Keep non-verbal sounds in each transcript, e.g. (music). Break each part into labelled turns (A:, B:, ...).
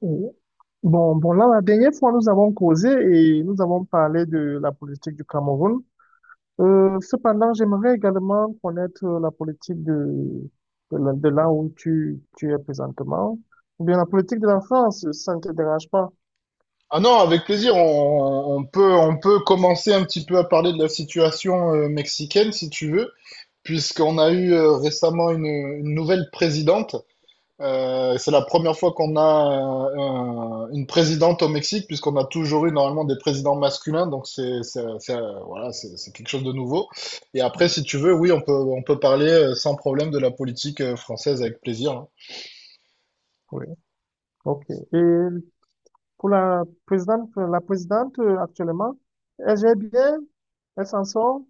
A: Oui. Bon, bon, là, la dernière fois, nous avons causé et nous avons parlé de la politique du Cameroun. Cependant, j'aimerais également connaître la politique de là de là où tu es présentement, ou bien la politique de la France, ça ne te dérange pas.
B: Ah non, avec plaisir, on peut commencer un petit peu à parler de la situation mexicaine si tu veux, puisqu'on a eu récemment une nouvelle présidente. C'est la première fois qu'on a une présidente au Mexique, puisqu'on a toujours eu normalement des présidents masculins, donc c'est quelque chose de nouveau. Et après, si tu veux, oui, on peut parler sans problème de la politique française avec plaisir, hein.
A: Oui, ok. Et pour la présidente actuellement, elle gère bien, elle s'en sort,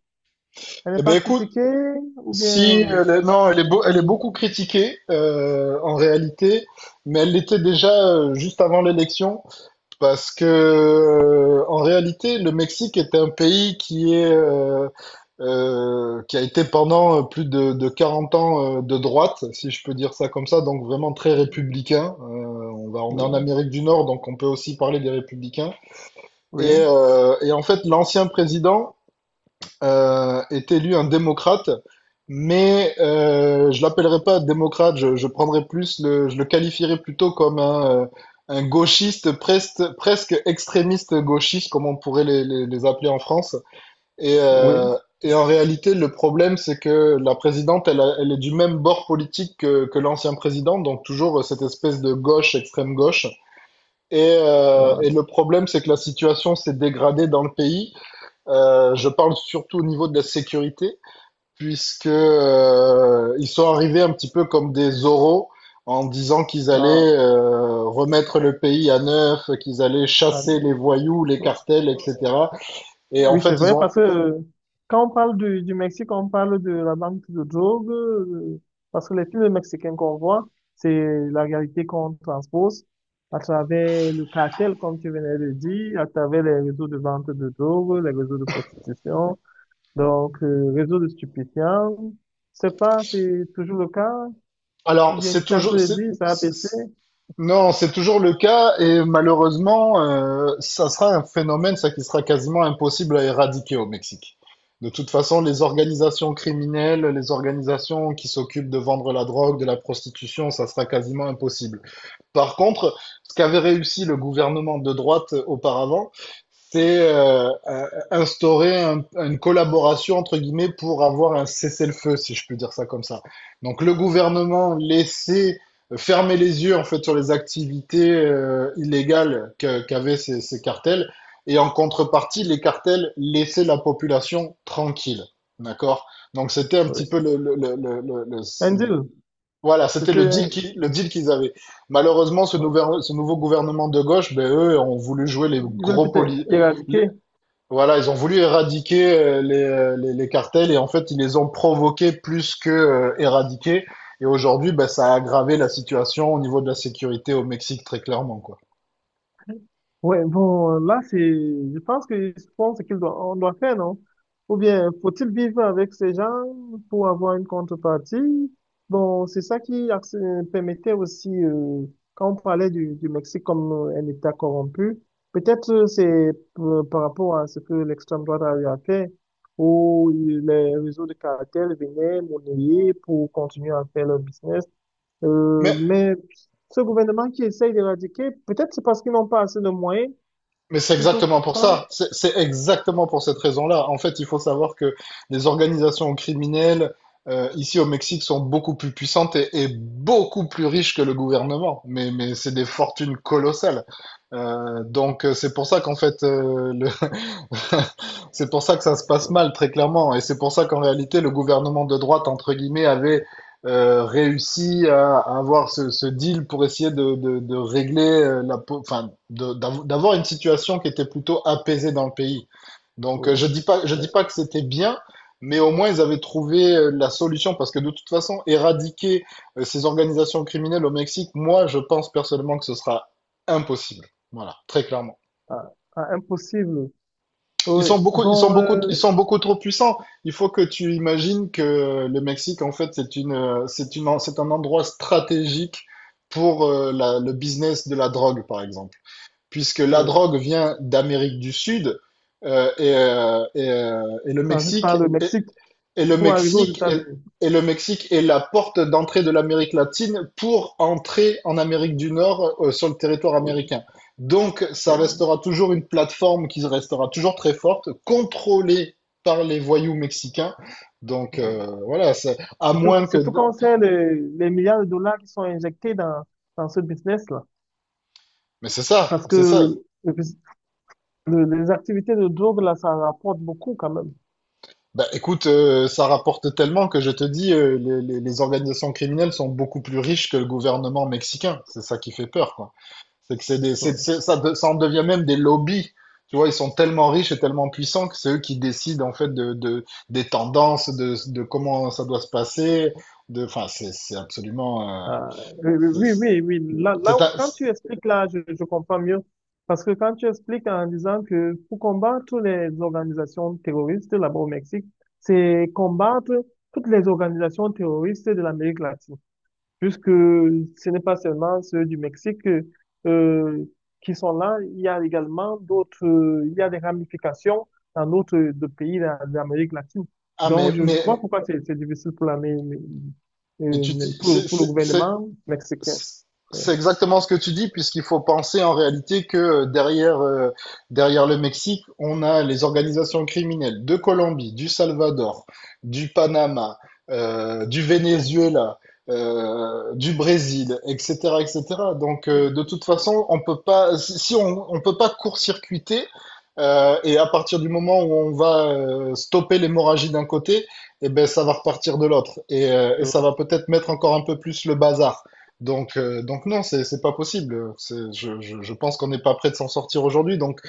A: elle n'est
B: Eh ben
A: pas
B: écoute,
A: critiquée, ou bien,
B: si, non, elle est, elle est beaucoup critiquée en réalité, mais elle l'était déjà juste avant l'élection, parce que en réalité, le Mexique est un pays qui est qui a été pendant plus de 40 ans de droite, si je peux dire ça comme ça, donc vraiment très républicain. On est en
A: oui,
B: Amérique du Nord, donc on peut aussi parler des républicains.
A: oui,
B: Et en fait, l'ancien président est élu un démocrate, mais je l'appellerai pas démocrate, je prendrais je le qualifierais plutôt comme un gauchiste presque, presque extrémiste gauchiste, comme on pourrait les appeler en France. Et,
A: oui.
B: euh, et en réalité, le problème, c'est que la présidente, elle, elle est du même bord politique que l'ancien président, donc toujours cette espèce de gauche, extrême gauche. Et, euh,
A: Ah,
B: et le problème, c'est que la situation s'est dégradée dans le pays. Je parle surtout au niveau de la sécurité, puisque ils sont arrivés un petit peu comme des oraux en disant qu'ils
A: ah,
B: allaient remettre le pays à neuf, qu'ils allaient chasser les
A: ah,
B: voyous, les cartels,
A: ah,
B: etc. Et en
A: oui,
B: fait,
A: c'est
B: ils
A: vrai,
B: ont.
A: parce que quand on parle du Mexique, on parle de la vente de drogue, parce que les films mexicains qu'on voit, c'est la réalité qu'on transpose à travers le cartel, comme tu venais de dire, à travers les réseaux de vente de drogue, les réseaux de prostitution, donc réseaux de stupéfiants. Je sais pas, c'est toujours le cas,
B: Alors,
A: ou bien tu t'entends de
B: c'est-
A: dire, ça a baissé.
B: non, c'est toujours le cas et malheureusement, ça sera un phénomène, ça qui sera quasiment impossible à éradiquer au Mexique. De toute façon, les organisations criminelles, les organisations qui s'occupent de vendre la drogue, de la prostitution, ça sera quasiment impossible. Par contre, ce qu'avait réussi le gouvernement de droite auparavant, c'est instaurer une collaboration entre guillemets pour avoir un cessez-le-feu, si je peux dire ça comme ça. Donc le gouvernement laissait fermer les yeux en fait sur les activités illégales qu'avaient ces cartels et en contrepartie les cartels laissaient la population tranquille. D'accord? Donc c'était un petit peu
A: Oui. Un deal,
B: voilà, c'était
A: c'était,
B: le deal qu'ils avaient. Malheureusement,
A: ouais.
B: ce nouveau gouvernement de gauche, ben eux ont voulu jouer
A: Ils veulent peut-être éradiquer.
B: voilà, ils ont voulu éradiquer les cartels et en fait, ils les ont provoqués plus que éradiqués. Et aujourd'hui, ben, ça a aggravé la situation au niveau de la sécurité au Mexique, très clairement, quoi.
A: Ouais, bon, là, c'est, je pense que, je pense qu'il doit, on doit faire, non? Ou bien, faut-il vivre avec ces gens pour avoir une contrepartie? Bon, c'est ça qui permettait aussi, quand on parlait du Mexique comme un État corrompu, peut-être par rapport à ce que l'extrême droite a eu à faire, où les réseaux de cartels venaient monnayer pour continuer à faire leur business. Euh,
B: Mais,
A: mais ce gouvernement qui essaye d'éradiquer, peut-être c'est parce qu'ils n'ont pas assez de moyens,
B: mais c'est
A: tu ne trouves
B: exactement pour
A: pas?
B: ça. C'est exactement pour cette raison-là. En fait, il faut savoir que les organisations criminelles ici au Mexique sont beaucoup plus puissantes et beaucoup plus riches que le gouvernement. Mais c'est des fortunes colossales. C'est pour ça qu'en fait, (laughs) c'est pour ça que ça se passe
A: Euh,
B: mal, très clairement. Et c'est pour ça qu'en réalité, le gouvernement de droite, entre guillemets, avait réussi à avoir ce deal pour essayer de régler enfin, d'avoir une situation qui était plutôt apaisée dans le pays.
A: Oui.
B: Je
A: Euh,
B: dis pas que c'était bien, mais au moins ils avaient trouvé la solution parce que de toute façon, éradiquer ces organisations criminelles au Mexique, moi, je pense personnellement que ce sera impossible. Voilà, très clairement.
A: ah, ah, impossible. Oui. Bon,
B: Ils sont beaucoup trop puissants. Il faut que tu imagines que le Mexique, en fait, c'est un endroit stratégique pour le business de la drogue, par exemple, puisque la
A: oui.
B: drogue vient d'Amérique du Sud euh, et, euh, et, euh, et le
A: Transit par
B: Mexique
A: le Mexique
B: et le
A: pour arriver aux
B: Mexique est
A: États-Unis.
B: et le Mexique est la porte d'entrée de l'Amérique latine pour entrer en Amérique du Nord sur le territoire
A: Oui,
B: américain. Donc, ça
A: oui,
B: restera toujours une plateforme qui restera toujours très forte, contrôlée par les voyous mexicains. Donc,
A: oui.
B: voilà, c'est- à
A: Surtout,
B: moins que...
A: surtout
B: de-
A: quand on sait les milliards de dollars qui sont injectés dans ce business-là.
B: Mais c'est ça,
A: Parce que
B: c'est ça.
A: le bus- les activités de drogue, là, ça rapporte beaucoup quand même.
B: Bah, écoute, ça rapporte tellement que je te dis, les organisations criminelles sont beaucoup plus riches que le gouvernement mexicain. C'est ça qui fait peur, quoi. C'est que c'est des,
A: Oui.
B: c'est- ça, de- Ça en devient même des lobbies. Tu vois, ils sont tellement riches et tellement puissants que c'est eux qui décident en fait de des tendances, de comment ça doit se passer. De, enfin, c'est absolument.
A: Ah, oui, oui,
B: C'est,
A: oui,
B: c'est
A: oui, oui.
B: c'est un-
A: Quand tu expliques là, je comprends mieux. Parce que quand tu expliques en disant que pour combattre les organisations terroristes là-bas au Mexique, c'est combattre toutes les organisations terroristes de l'Amérique latine, puisque ce n'est pas seulement ceux du Mexique euh, qui sont là, il y a également d'autres, il y a des ramifications dans d'autres pays d'Amérique latine.
B: ah,
A: Donc, je vois
B: mais
A: pourquoi c'est difficile pour la, mais-
B: et tu, dis-
A: pour, pour le gouvernement mexicain. Ouais.
B: c'est exactement ce que tu dis, puisqu'il faut penser en réalité que derrière le Mexique, on a les organisations criminelles de Colombie, du Salvador, du Panama, du Venezuela, du Brésil, etc., etc.
A: Euh,
B: De toute façon, on peut pas, si on, on peut pas court-circuiter, et à partir du moment où on va stopper l'hémorragie d'un côté, eh ben, ça va repartir de l'autre, et ça va
A: l'autre,
B: peut-être mettre encore un peu plus le bazar. Non, c'est pas possible. Je pense qu'on n'est pas prêt de s'en sortir aujourd'hui. Donc,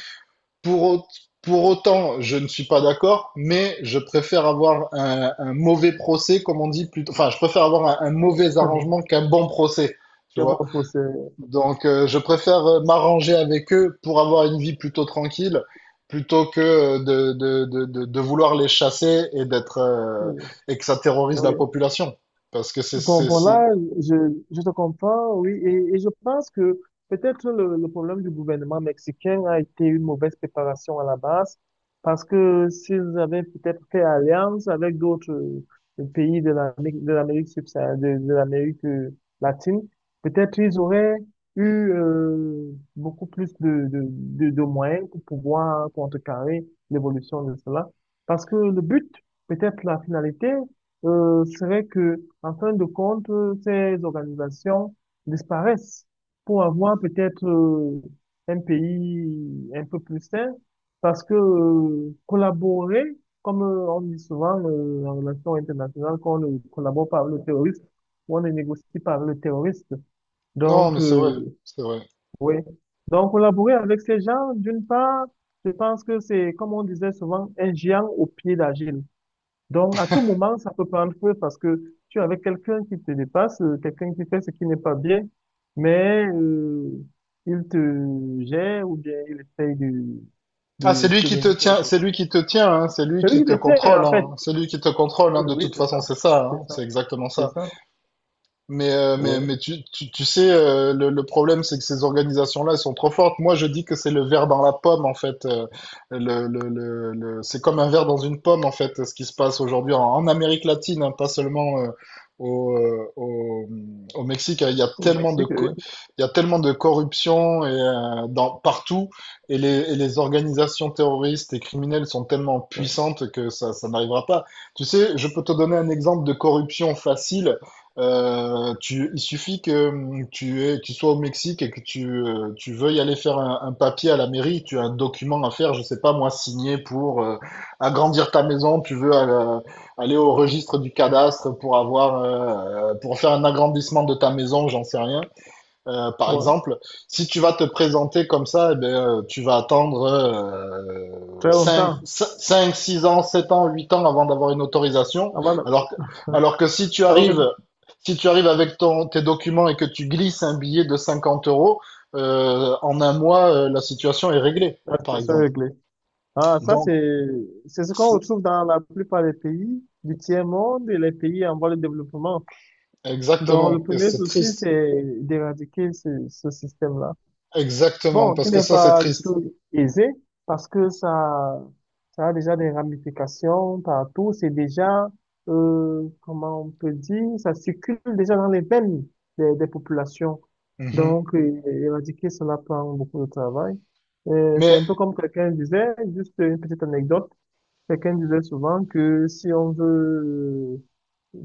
B: pour, au- pour autant, je ne suis pas d'accord, mais je préfère avoir un mauvais procès, comme on dit plutôt. Enfin, je préfère avoir un mauvais
A: (laughs)
B: arrangement qu'un bon procès, tu
A: comment
B: vois.
A: pousser?
B: Je préfère m'arranger avec eux pour avoir une vie plutôt tranquille, plutôt que de vouloir les chasser et d'être
A: Oui,
B: et que ça terrorise la
A: oui.
B: population. Parce que
A: Bon, bon,
B: c'est...
A: là, je, je te comprends, oui, et je pense que peut-être le problème du gouvernement mexicain a été une mauvaise préparation à la base, parce que s'ils avaient peut-être fait alliance avec d'autres pays de l'Amérique subsaharienne, de l'Amérique latine, peut-être ils auraient eu beaucoup plus de moyens pour pouvoir contrecarrer l'évolution de cela, parce que le but, peut-être la finalité serait que, en fin de compte, ces organisations disparaissent pour avoir peut-être un pays un peu plus sain, parce que collaborer, comme on dit souvent en relation internationale, qu'on ne collabore pas avec le terroriste, on ne négocie pas avec le terroriste.
B: Non,
A: Donc,
B: mais c'est vrai, c'est vrai.
A: oui. Donc, collaborer avec ces gens, d'une part, je pense que c'est, comme on disait souvent, un géant au pied d'argile. Donc, à tout moment, ça peut prendre feu parce que tu es avec quelqu'un qui te dépasse, quelqu'un qui fait ce qui n'est pas bien, mais il te gère ou bien il essaye
B: Ah, c'est
A: de
B: lui
A: te
B: qui te
A: donner quelque
B: tient, c'est lui
A: chose.
B: qui te tient, hein, c'est lui
A: C'est lui
B: qui
A: qui
B: te
A: te tient,
B: contrôle,
A: en fait.
B: hein, c'est lui qui te
A: Oh,
B: contrôle, hein,
A: oui,
B: de
A: oui,
B: toute
A: c'est
B: façon,
A: ça.
B: c'est ça, hein,
A: C'est ça.
B: c'est exactement
A: C'est
B: ça.
A: ça.
B: Mais, euh, mais,
A: Oui.
B: mais tu, tu, tu sais, le problème, c'est que ces organisations-là, elles sont trop fortes. Moi, je dis que c'est le verre dans la pomme, en fait. C'est comme un verre dans une pomme, en fait, ce qui se passe aujourd'hui en Amérique latine, hein, pas seulement au, euh, au, au Mexique.
A: Au Mexique, oui.
B: Il y a tellement de corruption partout. Et les organisations terroristes et criminelles sont tellement
A: Ouais.
B: puissantes que ça n'arrivera pas. Tu sais, je peux te donner un exemple de corruption facile. Il suffit que tu sois au Mexique et que tu veuilles aller faire un papier à la mairie, tu as un document à faire, je sais pas moi, signé pour agrandir ta maison, tu veux aller au registre du cadastre pour avoir, pour faire un agrandissement de ta maison, j'en sais rien. Par
A: Ouais.
B: exemple, si tu vas te présenter comme ça, eh ben, tu vas attendre
A: Très longtemps.
B: 5, 6 ans, 7 ans, 8 ans avant d'avoir une autorisation.
A: Avant,
B: Alors que,
A: de-
B: alors que
A: alors que
B: si tu arrives avec tes documents et que tu glisses un billet de 50 euros, en un mois, la situation est réglée,
A: la
B: par
A: situation est
B: exemple.
A: réglée. Ah, ça,
B: Donc,
A: c'est ce qu'on
B: c'est-
A: retrouve dans la plupart des pays du tiers-monde et les pays en voie de développement. Donc, le
B: Exactement, et
A: premier
B: c'est
A: souci,
B: triste.
A: c'est d'éradiquer ce système-là.
B: Exactement,
A: Bon,
B: parce
A: qui
B: que
A: n'est
B: ça, c'est
A: pas du
B: triste.
A: tout aisé parce que ça a déjà des ramifications partout. C'est déjà, comment on peut dire, ça circule déjà dans les veines des populations.
B: Mhm.
A: Donc, éradiquer cela prend beaucoup de travail. C'est
B: Mais
A: un peu comme quelqu'un disait, juste une petite anecdote, quelqu'un disait souvent que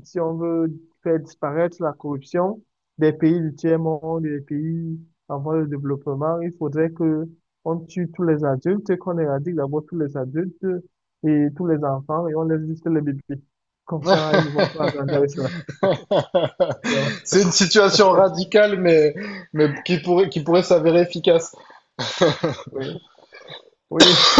A: si on veut faire disparaître la corruption des pays du tiers-monde, des pays en voie de développement, il faudrait que on tue tous les adultes, qu'on éradique d'abord tous les adultes et tous les enfants et on laisse juste les bébés. Comme ça, ils ne vont pas
B: (laughs)
A: grandir avec cela.
B: (laughs)
A: Donc,
B: c'est une situation radicale, mais, qui pourrait s'avérer efficace.
A: oui, oui,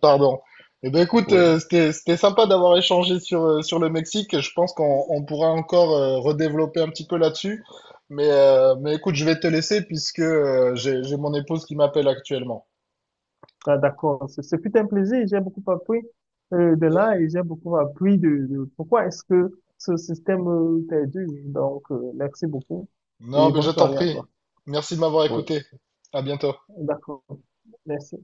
B: Pardon. Eh ben écoute,
A: oui.
B: c'était sympa d'avoir échangé sur, sur le Mexique. Je pense qu'on on pourra encore redévelopper un petit peu là-dessus. Mais écoute, je vais te laisser puisque j'ai mon épouse qui m'appelle actuellement.
A: Ah, d'accord. C'est tout un plaisir. J'ai beaucoup appris de là et j'ai beaucoup appris de pourquoi est-ce que ce système perdure. Donc, merci beaucoup
B: Non,
A: et
B: mais
A: bonne
B: je t'en
A: soirée à
B: prie.
A: toi.
B: Merci de m'avoir
A: Oui.
B: écouté. À bientôt.
A: D'accord. Merci.